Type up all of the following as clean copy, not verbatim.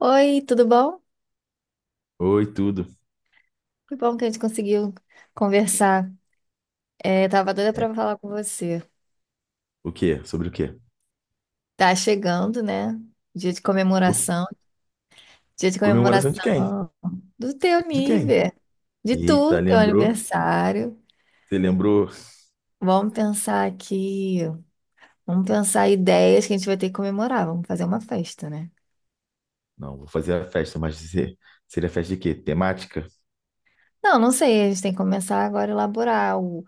Oi, tudo bom? Oi, tudo. Que bom que a gente conseguiu conversar. É, tava doida É. para falar com você. O quê? Sobre o quê? Tá chegando, né? Dia de O quê? comemoração, dia de Comemoração de quem? comemoração do teu De quem? nível, Eita, teu lembrou? aniversário. Você lembrou? Vamos pensar aqui, vamos pensar ideias que a gente vai ter que comemorar. Vamos fazer uma festa, né? Não, vou fazer a festa, mas seria festa de quê? Temática? Não, não sei. A gente tem que começar agora a elaborar o,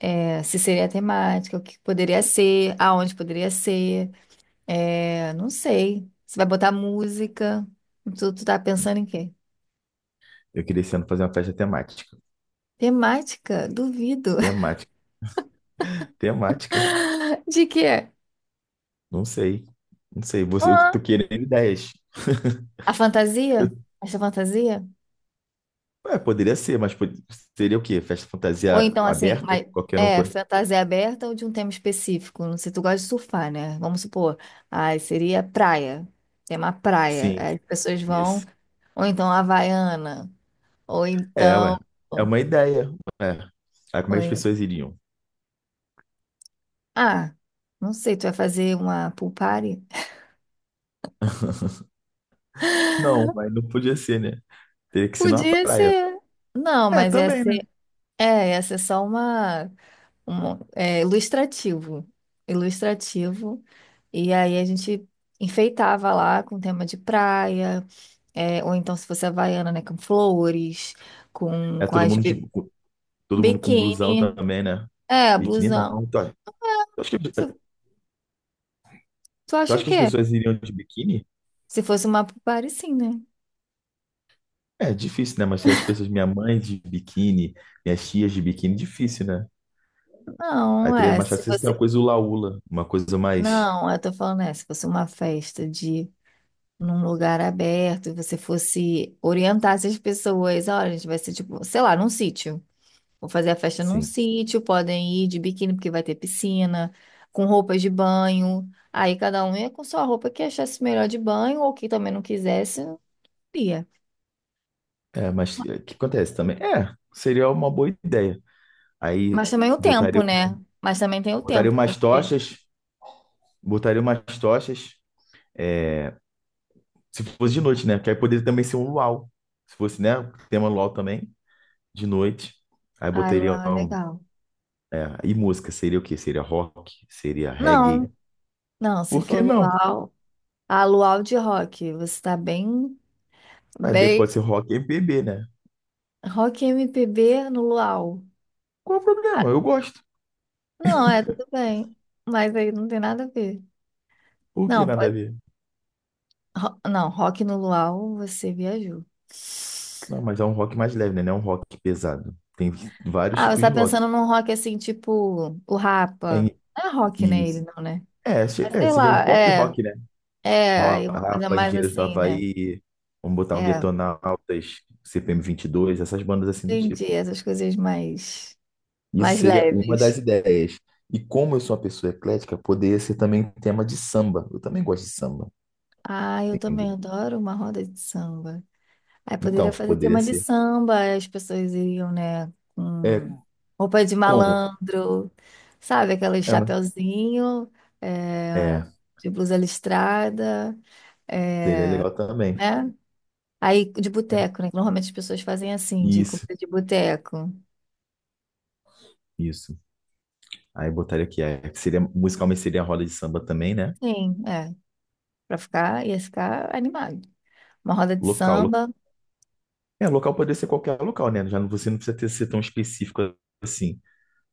é, se seria a temática, o que poderia ser, aonde poderia ser. Não sei. Você vai botar música? Tu tá pensando em quê? Eu queria esse ano fazer uma festa temática. Temática? Duvido. Temática. Temática? De quê? Não sei. Não sei. Eu Ah, tô querendo ideias. A Eu- fantasia? Essa fantasia? Poderia ser, seria o quê? Festa Ou fantasia então, ah, assim, aberta? mas Qualquer um é pode. fantasia aberta ou de um tema específico? Não sei, tu gosta de surfar, né? Vamos supor. Ai, seria praia. Tema praia. Sim, Aí as pessoas vão. isso. Ou então havaiana. Ou É, ué. então. É Ou, uma ideia. Ué. Aí como é que as ou- pessoas iriam? ah, Não sei, tu vai fazer uma pool party? Não, mas não podia ser, né? Teria que ser numa Podia praia. ser. Não, É, mas ia também, né? ser, ia ser só uma, ilustrativo. Ilustrativo. E aí a gente enfeitava lá com tema de praia, ou então se fosse havaiana, né, com flores, É com todo as mundo de, com- todo mundo com blusão biquíni, também, né? é, Biquíni blusão. não. Tu acha que, Se- Tu tu acha o acha que as quê? pessoas iriam de biquíni? Se fosse uma party, sim, né? É difícil, né? Mas se as pessoas, minha mãe de biquíni, minhas tias de biquíni, difícil, né? Aí Não, teria mais se fácil ser uma você... coisa hula-hula, uma coisa mais, Não, eu tô falando, se fosse uma festa de num lugar aberto e você fosse orientar essas pessoas, olha, a gente vai ser tipo, sei lá, num sítio. Vou fazer a festa num sim. sítio, podem ir de biquíni porque vai ter piscina, com roupas de banho. Aí cada um ia com sua roupa que achasse melhor de banho ou que também não quisesse, ia. É, mas é, o que acontece também? É, seria uma boa ideia. Aí Mas também o tempo, botaria, né? Mas também tem o botaria tempo, umas porque tochas, botaria umas tochas Se fosse de noite, né? Porque aí poderia também ser um luau. Se fosse, né? Tema luau também, de noite. Aí botaria luau é um, legal. é, E música, seria o quê? Seria rock? Seria reggae? Não, não, Se Por for que não? luau, ah, luau de rock, você tá bem, Aí bem depois pode ser rock e MPB, né? rock M P B no luau. Qual é o problema? Eu gosto. Não, é tudo bem. Mas aí não tem nada a ver. Por que Não, nada a pode. ver? Não, rock no luau, você viajou. Não, mas é um rock mais leve, né? Não é um rock pesado. Tem vários Ah, você tipos tá de rock. pensando num rock assim, tipo o É, Rapa. e- Não é rock, né? Ele isso. não, né? É, se- Mas é, sei seria um lá, pop é. rock, né? É, aí uma coisa Rapa, mais Engenheiros do assim, né? Havaí, vamos botar um É, Detonautas, CPM dois, essas bandas assim do tipo. entendi. Essas coisas mais, Isso mais seria uma das leves. ideias. E como eu sou uma pessoa eclética, poderia ser também tema de samba. Eu também gosto de samba, Ah, eu também entendeu? adoro uma roda de samba. Aí Então, poderia fazer poderia tema de ser. samba, aí as pessoas iriam, né, com É, roupa de como? malandro, sabe? Aquele É, mas- chapeuzinho, é, é, de blusa listrada, seria é, legal também. né? Aí de É. boteco, né? Que normalmente as pessoas fazem assim, de Isso, comida de boteco. isso. Aí botaria aqui, musicalmente seria a roda de samba também, né? Sim, é. Pra ficar, ia ficar animado. Uma roda de Local. samba. É, local poderia ser qualquer local, né? Já não, você não precisa ter, ser tão específico assim.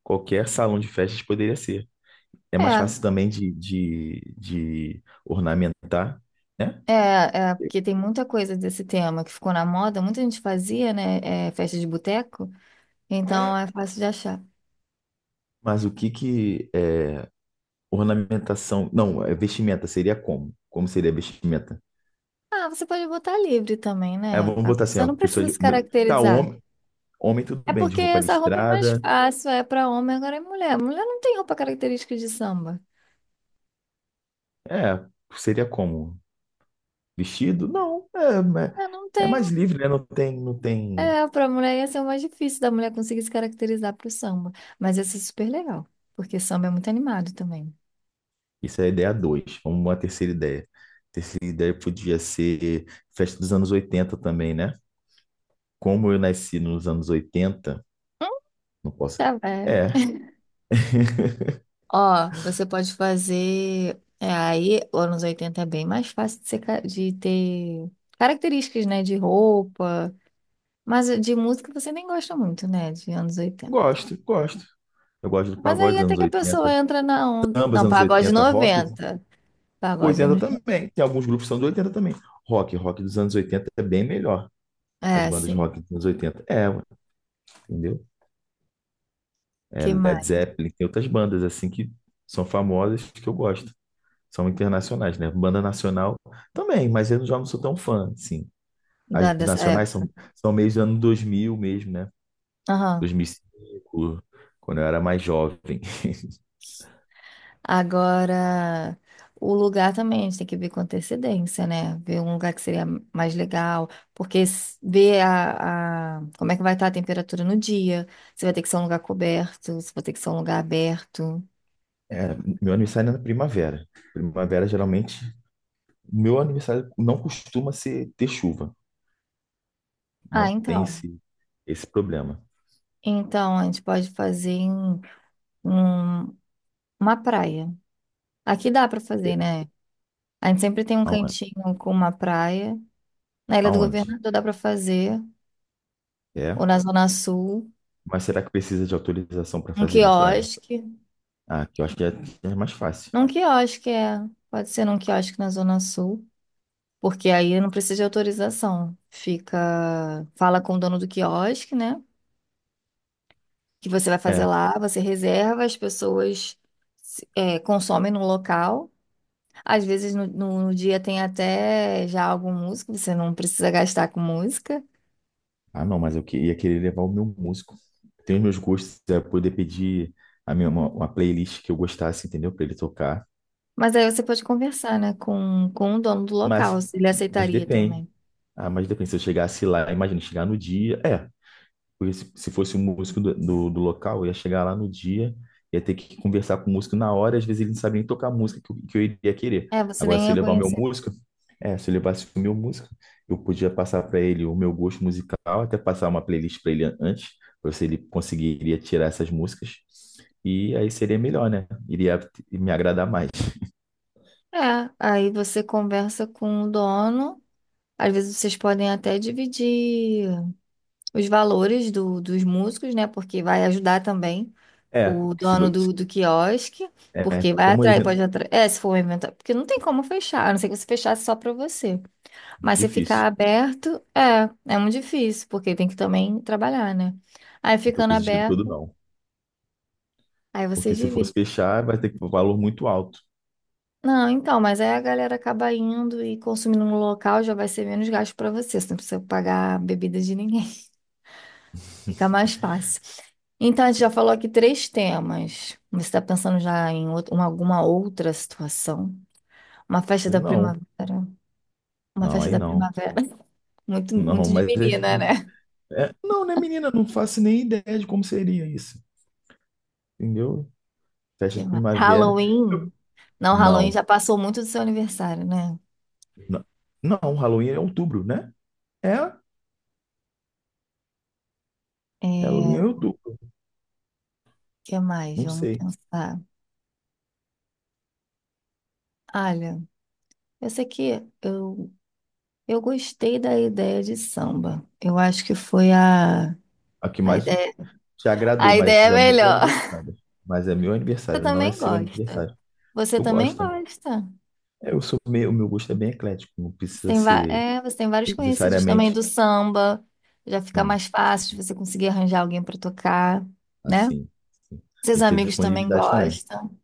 Qualquer salão de festas poderia ser. É mais É, fácil também de ornamentar, né? é, é, porque tem muita coisa desse tema que ficou na moda, muita gente fazia, né? É, festa de boteco. Então é fácil de achar. Mas o que que é ornamentação? Não, é vestimenta seria como? Como seria vestimenta? Ah, você pode botar livre também, É, né? vamos A botar assim, pessoa ó, não pessoa precisa de se mulher. Tá, caracterizar. homem tudo É bem, de porque roupa essa roupa é mais listrada. fácil, é pra homem, agora é mulher. Mulher não tem roupa característica de samba. É, seria como? Vestido? Não, É, não é mais tem. livre, né? Não tem, não tem. É, pra mulher ia ser o mais difícil da mulher conseguir se caracterizar pro samba. Mas ia ser super legal, porque samba é muito animado também. Isso é a ideia dois. Vamos uma terceira ideia. Terceira ideia podia ser festa dos anos 80 também, né? Como eu nasci nos anos 80 não posso. Tá velho. É, Ó, você pode fazer. É, aí, anos 80 é bem mais fácil de, de ter características, né? De roupa. Mas de música você nem gosta muito, né? De anos 80. gosto, gosto. Eu gosto do Mas aí pagode dos até anos que a pessoa 80. entra na onda. Samba, dos Não, anos pagode 80 rock, 90. Pagode 80 anos. No- também. Tem alguns grupos que são de 80 também. Rock dos anos 80 é bem melhor. As É, bandas sim. rock dos anos 80. É, ué, entendeu? É Que Led mais? Zeppelin, tem outras bandas assim que são famosas que eu gosto. São internacionais, né? Banda nacional também, mas eu já não sou tão fã, assim. Da, As dessa nacionais época. são meio do ano 2000 mesmo, né? Aham. 2005 quando eu era mais jovem. Agora, o lugar também, a gente tem que ver com antecedência, né? Ver um lugar que seria mais legal. Ver como é que vai estar a temperatura no dia. Se vai ter que ser um lugar coberto, se vai ter que ser um lugar aberto. É, meu aniversário é na primavera. Primavera geralmente Meu aniversário não costuma ser, ter chuva. Ah, Não tem então. esse problema. Então, a gente pode fazer em um, uma praia. Aqui dá pra É. fazer, né? A gente sempre tem um Aon- cantinho com uma praia. Na Ilha do Aonde? Governador dá pra fazer, É. ou na Zona Sul, Mas será que precisa de autorização para um fazer na praia? quiosque. Ah, que eu acho que é mais fácil. Num quiosque é, pode ser num quiosque na Zona Sul, porque aí não precisa de autorização. Fica, fala com o dono do quiosque, né? Que você vai fazer É. lá, você reserva, as pessoas consomem no local. Às vezes no dia tem até já algum músico, você não precisa gastar com música. Ah, não, mas eu ia querer levar o meu músico. Tem os meus gostos, é poder pedir uma playlist que eu gostasse, entendeu? Para ele tocar. Mas aí você pode conversar, né, com o dono do local, Mas, se ele mas aceitaria depende. também. Ah, mas depende. Se eu chegasse lá, imagina chegar no dia. É. Porque se fosse um músico do local, eu ia chegar lá no dia, ia ter que conversar com o músico na hora, e às vezes ele não sabia nem tocar a música que eu iria querer. É, você Agora, nem se eu ia levar o meu conhecer. músico, é, Se eu levasse o meu músico, eu podia passar para ele o meu gosto musical, até passar uma playlist para ele antes, para ver se ele conseguiria tirar essas músicas. E aí seria melhor, né? Iria me agradar mais. É, aí você conversa com o dono. Às vezes vocês podem até dividir os valores do, dos músicos, né? Porque vai ajudar também É, o porque se, dono bo- do quiosque, é porque vai como é atrair, evento pode atrair. É, se for um evento, porque não tem como fechar, a não ser que você fechasse só para você. Mas se difícil, ficar aberto, é muito difícil, porque tem que também trabalhar, né? Aí não estou ficando com esse dinheiro todo, aberto, não. aí Porque vocês se fosse dividem. fechar, vai ter que um valor muito alto. Não, então, mas aí a galera acaba indo e consumindo no local, já vai ser menos gasto para você, você não precisa pagar bebida de ninguém, fica mais fácil. Então, a gente já falou aqui três temas. Você está pensando já em alguma outra situação? Uma festa da Não, primavera. Uma não, festa aí da não. primavera. Muito, Não, muito de mas menina, né? Não, né, menina? Não faço nem ideia de como seria isso. Entendeu? Festa Que de mais? primavera. Halloween? Não, Halloween Não, já passou muito do seu aniversário, né? não, não, Halloween é outubro, né? É, Halloween É, é o outubro. que mais? Não Vamos sei. pensar. Olha, eu sei que eu gostei da ideia de samba. Eu acho que foi A que a mais ideia, te agradou, a mas ideia é é o meu melhor. aniversário. Mas é meu Você aniversário, não é também seu gosta. aniversário. Você Eu também gosto também. gosta. É, eu sou meio, o meu gosto é bem eclético, não Você precisa tem, ser você tem vários conhecidos também necessariamente do samba. Já fica assim. mais fácil de você conseguir arranjar alguém para tocar, né? Assim, assim. Seus Tem que ter amigos também disponibilidade também. gostam.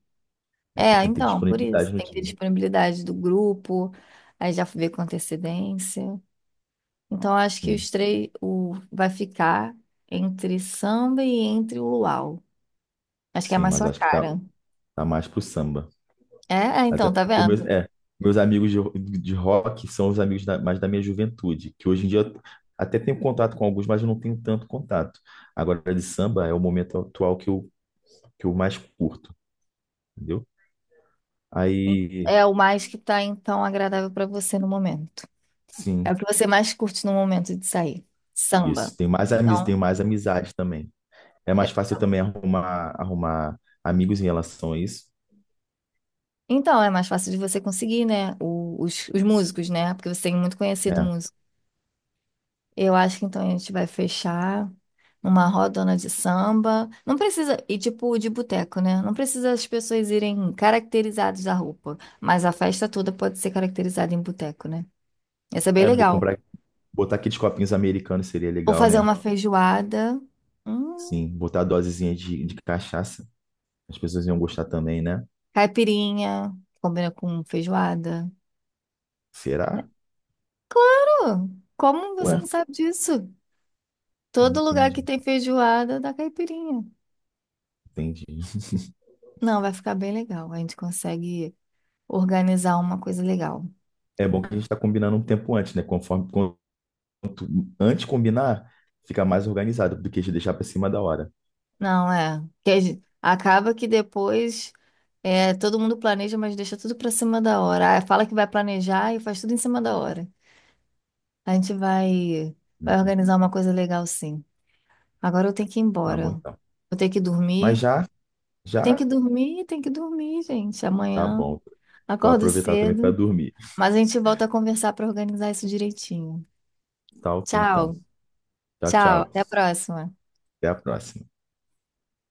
Tem É, que ter então, por disponibilidade isso, no tem que ter dia. disponibilidade do grupo, aí já vê com antecedência. Então, acho que Sim. Vai ficar entre samba e entre o luau. Acho que é Sim, mais mas eu sua acho que tá, cara. tá mais pro samba. É, Até então, tá porque meus, vendo? é, meus amigos de rock são os amigos mais da minha juventude, que hoje em dia eu até tenho contato com alguns, mas eu não tenho tanto contato. Agora, de samba é o momento atual que eu mais curto, entendeu? Aí, É o mais que tá, então, agradável pra você no momento. É sim, o que você mais curte no momento de sair. isso. Samba. Então, Tenho mais amizade também. É mais é, fácil também arrumar amigos em relação a isso. então é mais fácil de você conseguir, né? Os Isso. músicos, né? Porque você tem muito conhecido É, músico. Eu acho que então a gente vai fechar uma rodona de samba. Não precisa, e tipo de boteco, né? Não precisa as pessoas irem caracterizadas da roupa. Mas a festa toda pode ser caracterizada em boteco, né? Isso é bem é, bom legal. comprar, botar aqueles copinhos americanos seria Ou legal, fazer né? uma feijoada. Hum, Sim, botar a dosezinha de cachaça. As pessoas iam gostar também, né? caipirinha. Combina com feijoada. É, Será? claro! Como você Ué, não sabe disso? não Todo lugar entendi, que tem feijoada dá caipirinha. entendi. Não, vai ficar bem legal. A gente consegue organizar uma coisa legal. É bom que a gente está combinando um tempo antes, né? Conforme quanto antes combinar, fica mais organizado do que a gente deixar para cima da hora. Não, é. Acaba que depois todo mundo planeja, mas deixa tudo pra cima da hora. Ah, fala que vai planejar e faz tudo em cima da hora. A gente vai, vai Entendi. organizar uma coisa legal, sim. Agora eu tenho que ir Tá bom embora. então. Eu tenho que Mas dormir. já, Tem que já, dormir, tem que dormir, gente. tá Amanhã bom. Vou acordo aproveitar também para cedo. dormir. Mas a gente volta a conversar para organizar isso direitinho. Tá ok então. Tchau, Tchau, tchau. tchau. Até a próxima. Até a próxima.